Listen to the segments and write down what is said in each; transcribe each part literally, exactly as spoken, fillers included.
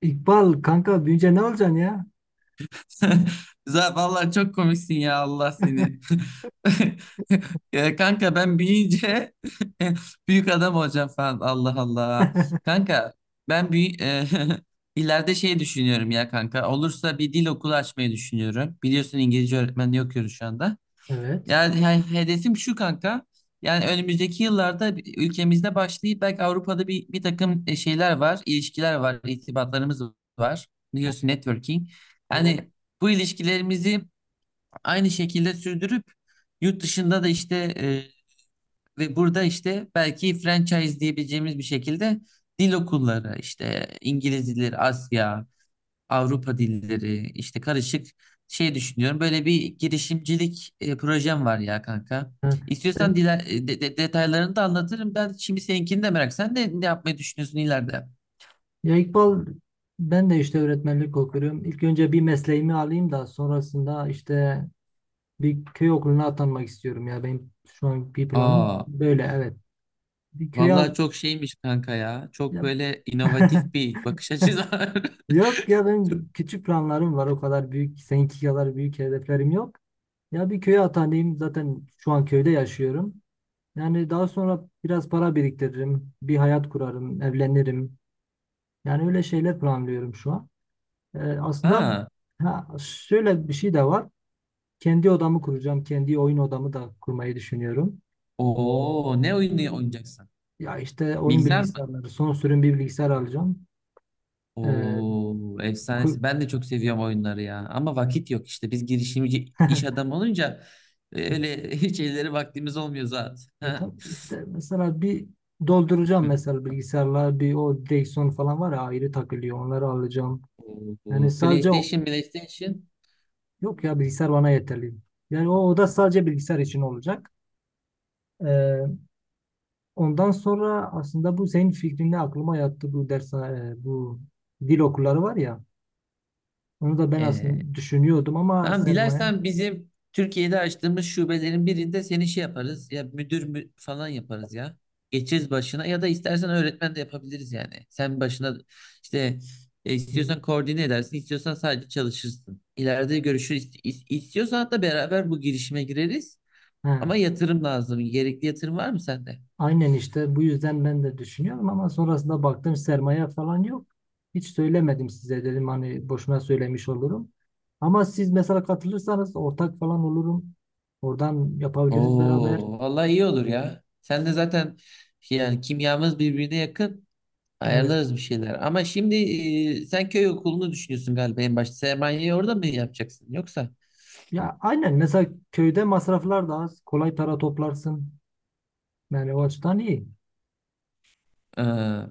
İkbal kanka büyüyünce ne olacaksın ya? Za- Vallahi çok komiksin ya Allah seni. Ya kanka, ben büyüyünce büyük adam olacağım falan. Allah Allah. Kanka, ben büyü ileride şey düşünüyorum ya kanka. Olursa bir dil okulu açmayı düşünüyorum. Biliyorsun, İngilizce öğretmenliği okuyoruz şu anda. Evet. Yani, yani hedefim şu kanka. Yani önümüzdeki yıllarda bir- ülkemizde başlayıp belki Avrupa'da bir, bir takım e, şeyler var, ilişkiler var, irtibatlarımız var. Biliyorsun, networking. Aynen. Yani bu ilişkilerimizi aynı şekilde sürdürüp yurt dışında da işte e, ve burada işte belki franchise diyebileceğimiz bir şekilde dil okulları, işte İngiliz dilleri, Asya, Avrupa dilleri, işte karışık şey düşünüyorum. Böyle bir girişimcilik e, projem var ya kanka. Ha. İstiyorsan Sen, diler, e, de- de- detaylarını da anlatırım. Ben şimdi seninkini de merak. Sen de ne yapmayı düşünüyorsun ileride? ya İkbal, ben de işte öğretmenlik okuyorum. İlk önce bir mesleğimi alayım da sonrasında işte bir köy okuluna atanmak istiyorum ya. Benim şu an bir planım Aa, böyle, evet. Bir köy vallahi al... çok şeymiş kanka ya. Çok Ya- böyle inovatif bir bakış açısı var. Yok ya, benim küçük planlarım var, o kadar büyük, seninki kadar büyük hedeflerim yok. Ya bir köye atanayım, zaten şu an köyde yaşıyorum. Yani daha sonra biraz para biriktiririm, bir hayat kurarım, evlenirim. Yani öyle şeyler planlıyorum şu an. Ee, aslında, Aa, ha, şöyle bir şey de var. Kendi odamı kuracağım. Kendi oyun odamı da kurmayı düşünüyorum. oo, ne oyunu oynayacaksın? Ya işte oyun Bilgisayar mı? bilgisayarları, son sürüm bir bilgisayar alacağım. Ee, Oo, kur- efsanesi. Ben de çok seviyorum oyunları ya. Ama vakit yok işte. Biz girişimci iş adamı olunca e, öyle hiç elleri vaktimiz olmuyor zaten. E Ha. tabii işte, mesela bir dolduracağım, Hı. mesela bilgisayarlar, bir o direksiyon falan var ya, ayrı takılıyor, onları alacağım. Yani Oo, sadece o- PlayStation, PlayStation. yok ya, bilgisayar bana yeterli. Yani o oda sadece bilgisayar için olacak. Ee, Ondan sonra, aslında bu senin fikrinle aklıma yattı, bu ders e, bu dil okulları var ya. Onu da ben Ee, aslında düşünüyordum ama Tamam, sermaye... dilersen bizim Türkiye'de açtığımız şubelerin birinde seni şey yaparız ya, müdür mü falan yaparız ya. Geçeriz başına ya da istersen öğretmen de yapabiliriz yani. Sen başına işte e, istiyorsan koordine edersin, istiyorsan sadece çalışırsın. İleride görüşürüz. İst- is- İstiyorsan hatta beraber bu girişime gireriz. He, Ama yatırım lazım. Gerekli yatırım var mı sende? aynen, işte bu yüzden ben de düşünüyorum ama sonrasında baktım sermaye falan yok. Hiç söylemedim size, dedim hani boşuna söylemiş olurum. Ama siz mesela katılırsanız ortak falan olurum. Oradan yapabiliriz beraber. Oo, vallahi iyi olur ya. Sen de zaten yani kimyamız birbirine yakın. Evet. Ayarlarız bir şeyler. Ama şimdi e, sen köy okulunu düşünüyorsun galiba en başta. Sermayeyi orada mı yapacaksın yoksa? Ya aynen, mesela köyde masraflar da az. Kolay para toplarsın. Yani o açıdan iyi. Ee,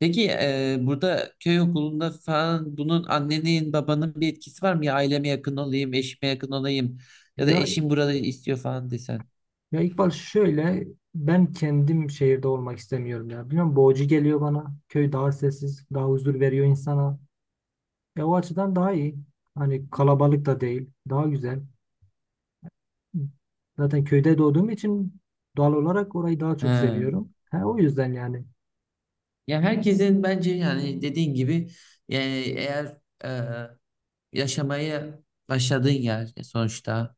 peki e, burada köy okulunda falan bunun annenin babanın bir etkisi var mı? Ya aileme yakın olayım, eşime yakın olayım ya da Ya eşim burada istiyor falan desen. Ya İkbal, şöyle, ben kendim şehirde olmak istemiyorum ya. Bilmiyorum, boğucu geliyor bana. Köy daha sessiz, daha huzur veriyor insana. E, o açıdan daha iyi. Hani kalabalık da değil, daha güzel. Zaten köyde doğduğum için doğal olarak orayı daha çok Ha. seviyorum. Ha, o yüzden yani. Ya herkesin bence yani dediğin gibi yani eğer yaşamaya başladığın yer sonuçta.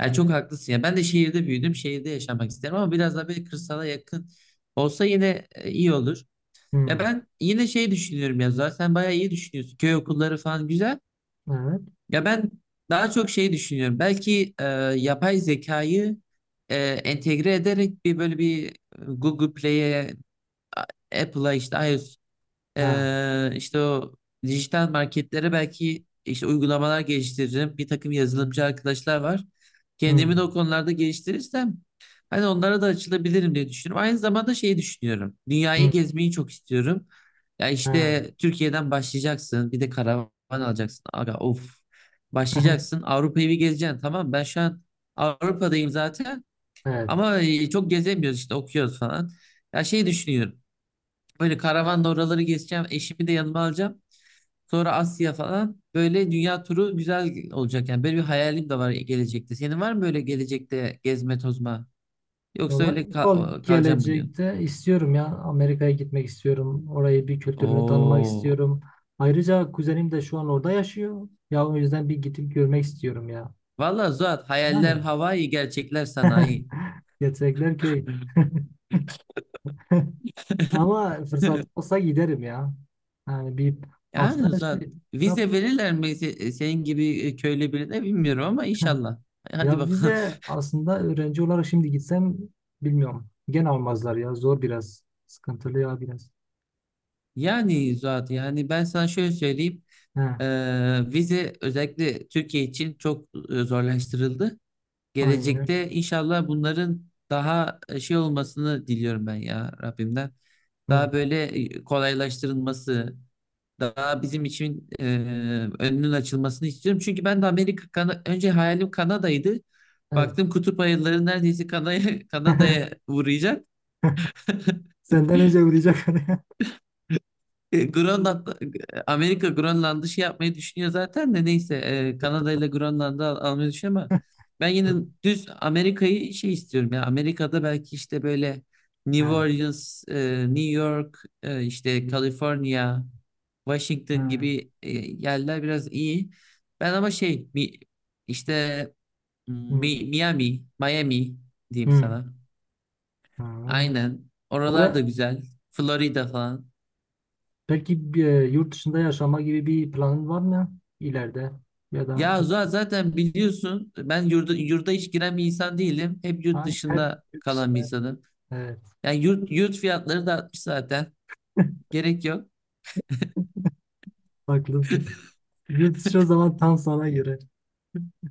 Yani çok haklısın ya. Ben de şehirde büyüdüm. Şehirde yaşamak isterim ama biraz daha böyle kırsala yakın olsa yine e, iyi olur. Hmm, Ya ben yine şey düşünüyorum ya, zaten sen bayağı iyi düşünüyorsun. Köy okulları falan güzel. evet. Ya ben daha çok şey düşünüyorum. Belki e, yapay zekayı e, entegre ederek bir böyle bir e, Google Play'e, Apple'a, işte iOS, Ha, ee, işte o dijital marketlere belki işte uygulamalar geliştiririm. Bir takım yazılımcı arkadaşlar var. Kendimi de hmm, o konularda geliştirirsem hani onlara da açılabilirim diye düşünüyorum. Aynı zamanda şeyi düşünüyorum. hmm, Dünyayı gezmeyi çok istiyorum. Ya ha. işte Türkiye'den başlayacaksın. Bir de karavan alacaksın. Aga of. Başlayacaksın. Avrupa'yı bir gezeceksin. Tamam, ben şu an Avrupa'dayım zaten. Evet. Ama e, çok gezemiyoruz işte, okuyoruz falan. Ya şey düşünüyorum. Böyle karavanla oraları gezeceğim. Eşimi de yanıma alacağım. Sonra Asya falan. Böyle dünya turu güzel olacak yani. Böyle bir hayalim de var gelecekte. Senin var mı böyle gelecekte gezme tozma? Yoksa Valla öyle kal İkbal, o- kalacağım mı diyorsun? gelecekte istiyorum ya, Amerika'ya gitmek istiyorum. Orayı, bir kültürünü tanımak Oo. istiyorum. Ayrıca kuzenim de şu an orada yaşıyor. Ya o yüzden bir gidip görmek istiyorum ya. Vallahi Zuhat, hayaller Yani Hawaii, gerçekler sanayi. gerçekler köy. Ama fırsat olsa giderim ya. Yani bir aslında Yani Zuhat, şey, da- vize verirler mi se- senin gibi köylü birine bilmiyorum ama inşallah. Hadi ya bakalım. vize aslında öğrenci olarak şimdi gitsem bilmiyorum. Gene almazlar ya, zor biraz. Sıkıntılı ya biraz. Yani zaten yani ben sana şöyle söyleyeyim. He, Ee, vize özellikle Türkiye için çok e, zorlaştırıldı. aynen. Gelecekte inşallah bunların daha e, şey olmasını diliyorum ben ya Rabbimden. Hı, Daha böyle e, kolaylaştırılması, daha bizim için e, önünün açılmasını istiyorum. Çünkü ben de Amerika, Kana- önce hayalim Kanada'ydı. evet. Baktım, kutup ayıları neredeyse Kanada'ya Kanada'ya uğrayacak. Senden önce vuracak oraya. E, Grönland, e, Amerika Grönland'ı şey yapmayı düşünüyor zaten de neyse e, Kanada ile Grönland'ı al- almayı düşünüyor ama ben yine düz Amerika'yı şey istiyorum ya, Amerika'da belki işte böyle New Ha, Orleans, e, New York, e, işte California, Washington ha, gibi e, yerler biraz iyi. Ben ama şey mi, işte hı, Mi- Miami, Miami diyeyim hı, sana. ha. Aynen. Oralar da Oraya, güzel. Florida falan. peki bir, e, yurt dışında yaşama gibi bir planın var mı ileride? Ya da Ya za- zaten biliyorsun, ben yurda, yurda hiç giren bir insan değilim. Hep yurt ha, her dışında yurt kalan bir dışında. insanım. Evet, Yani yurt, yurt fiyatları da artmış zaten. Gerek yok. haklısın. Yurt dışı o zaman tam sana göre.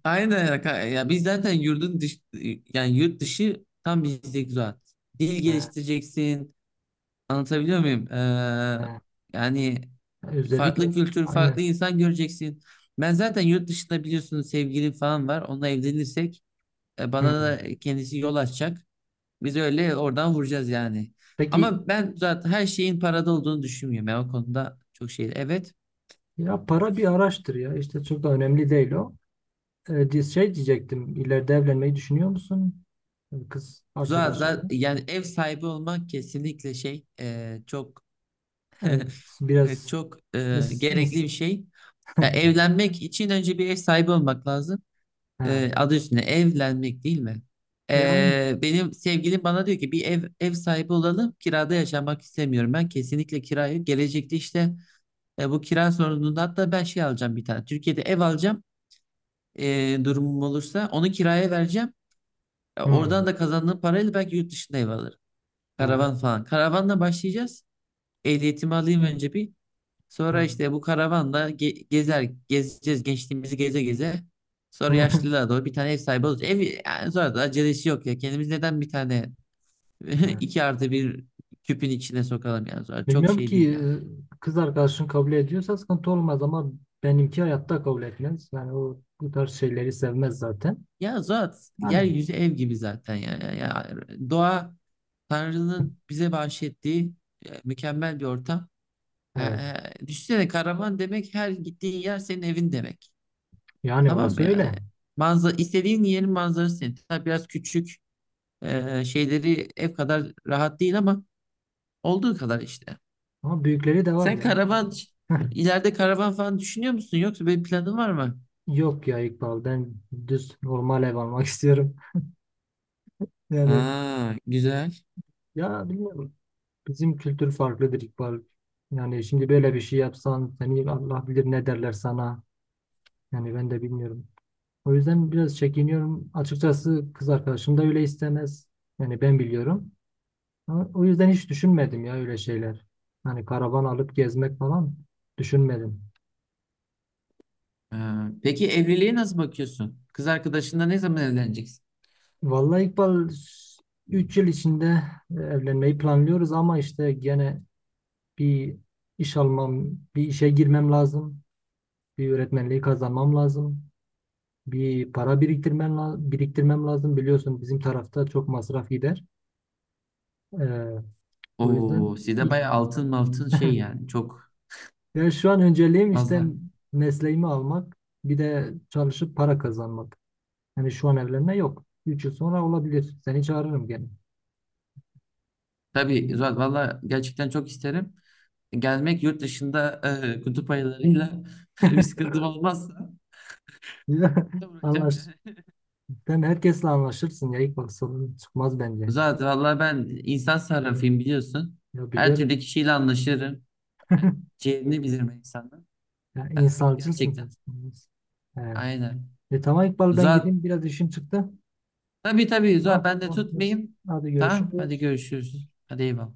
Aynen ya. Ka- ya biz zaten yurdun dış, yani yurt dışı tam bizdeki zaten. Dil Ha, geliştireceksin. Anlatabiliyor muyum? Ee, ha. yani Özellikle farklı kültür, aynen. farklı insan göreceksin. Ben zaten yurt dışında biliyorsunuz sevgilim falan var. Onunla evlenirsek e, Hı. bana da kendisi yol açacak. Biz öyle oradan vuracağız yani. Peki Ama ben zaten her şeyin parada olduğunu düşünmüyorum. Ben o konuda çok şey. Evet. ya para bir araçtır ya. İşte çok da önemli değil o. E, di- şey diyecektim. İleride evlenmeyi düşünüyor musun? Kız arkadaşınla. Zaten yani ev sahibi olmak kesinlikle şey e, çok Evet. evet, Biraz çok e, is gerekli is bir şey. Ya evlenmek için önce bir ev sahibi olmak lazım. ha. E, adı üstünde evlenmek değil mi? E, aynı. E, benim sevgilim bana diyor ki bir ev ev sahibi olalım. Kirada yaşamak istemiyorum. Ben kesinlikle kirayı gelecekte işte e, bu kira sorununda hatta ben şey alacağım bir tane. Türkiye'de ev alacağım. E, durumum olursa onu kiraya vereceğim. E, Hmm. oradan da kazandığım parayla belki yurt dışında ev alırım. Ha. Karavan falan. Karavanla başlayacağız. Ehliyetimi alayım önce bir. Ha. Sonra işte bu karavanla ge- gezer gezeceğiz gençliğimizi geze geze. Sonra Ha. yaşlılığa doğru bir tane ev sahibi olacağız. Ev yani sonra da acelesi yok ya. Kendimiz neden bir tane Ha. iki artı bir küpün içine sokalım, yani sonra çok Bilmiyorum şey ki değil yani. e, kız arkadaşın kabul ediyorsa sıkıntı olmaz ama benimki hayatta kabul etmez. Yani o bu tarz şeyleri sevmez zaten. Ya zat Yani, yeryüzü ev gibi zaten yani. Ya, doğa Tanrı'nın bize bahşettiği e, mükemmel bir ortam. E, evet. e, düşünsene, karavan demek her gittiğin yer senin evin demek. Yani Tamam mı orası yani? öyle. Manzara, istediğin yerin manzarası senin. Tabii biraz küçük e, şeyleri ev kadar rahat değil ama olduğu kadar işte. Ama büyükleri de var Sen ya. karavan ileride karavan falan düşünüyor musun? Yoksa böyle planın var mı? Yok ya İkbal, ben düz normal ev almak istiyorum. Yani Aa, güzel. ya bilmiyorum. Bizim kültür farklıdır İkbal. Yani şimdi böyle bir şey yapsan, seni Allah bilir ne derler sana. Yani ben de bilmiyorum. O yüzden biraz çekiniyorum. Açıkçası kız arkadaşım da öyle istemez. Yani ben biliyorum. Ama o yüzden hiç düşünmedim ya öyle şeyler. Hani karavan alıp gezmek falan düşünmedim. Ee, peki evliliğe nasıl bakıyorsun? Kız arkadaşınla ne zaman evleneceksin? Vallahi İkbal, üç yıl içinde e, evlenmeyi planlıyoruz ama işte gene bir iş almam, bir işe girmem lazım. Bir öğretmenliği kazanmam lazım. Bir para biriktirmem, la- biriktirmem lazım. Biliyorsun bizim tarafta çok masraf gider. Ee, o Oo, yüzden sizde ilk bayağı altın altın şey yani çok Yani şu an önceliğim işte fazla. mesleğimi almak, bir de çalışıp para kazanmak. Yani şu an evlenme yok. üç yıl sonra olabilir. Seni çağırırım gene. Tabii Zuhal, valla gerçekten çok isterim. Gelmek yurt dışında e, kutup ayılarıyla bir sıkıntım olmazsa uğrayacağım Anlaş. yani. Sen herkesle anlaşırsın ya. İlk bak sorun çıkmaz bence. Zuhal, valla ben insan sarrafıyım, biliyorsun. Ya Her türlü biliyorum. kişiyle anlaşırım. Yani ciğerini bilirim insanın. Ya Ee, insancılsın sen. gerçekten Evet. aynen. E, tamam İkbal, ben Zuhal, gideyim. Biraz işim çıktı. tabii tabii Tamam. Zuhal, ben de Tamam. tutmayayım. Hadi Tamam, hadi görüşürüz. görüşürüz. Hadi eyvallah.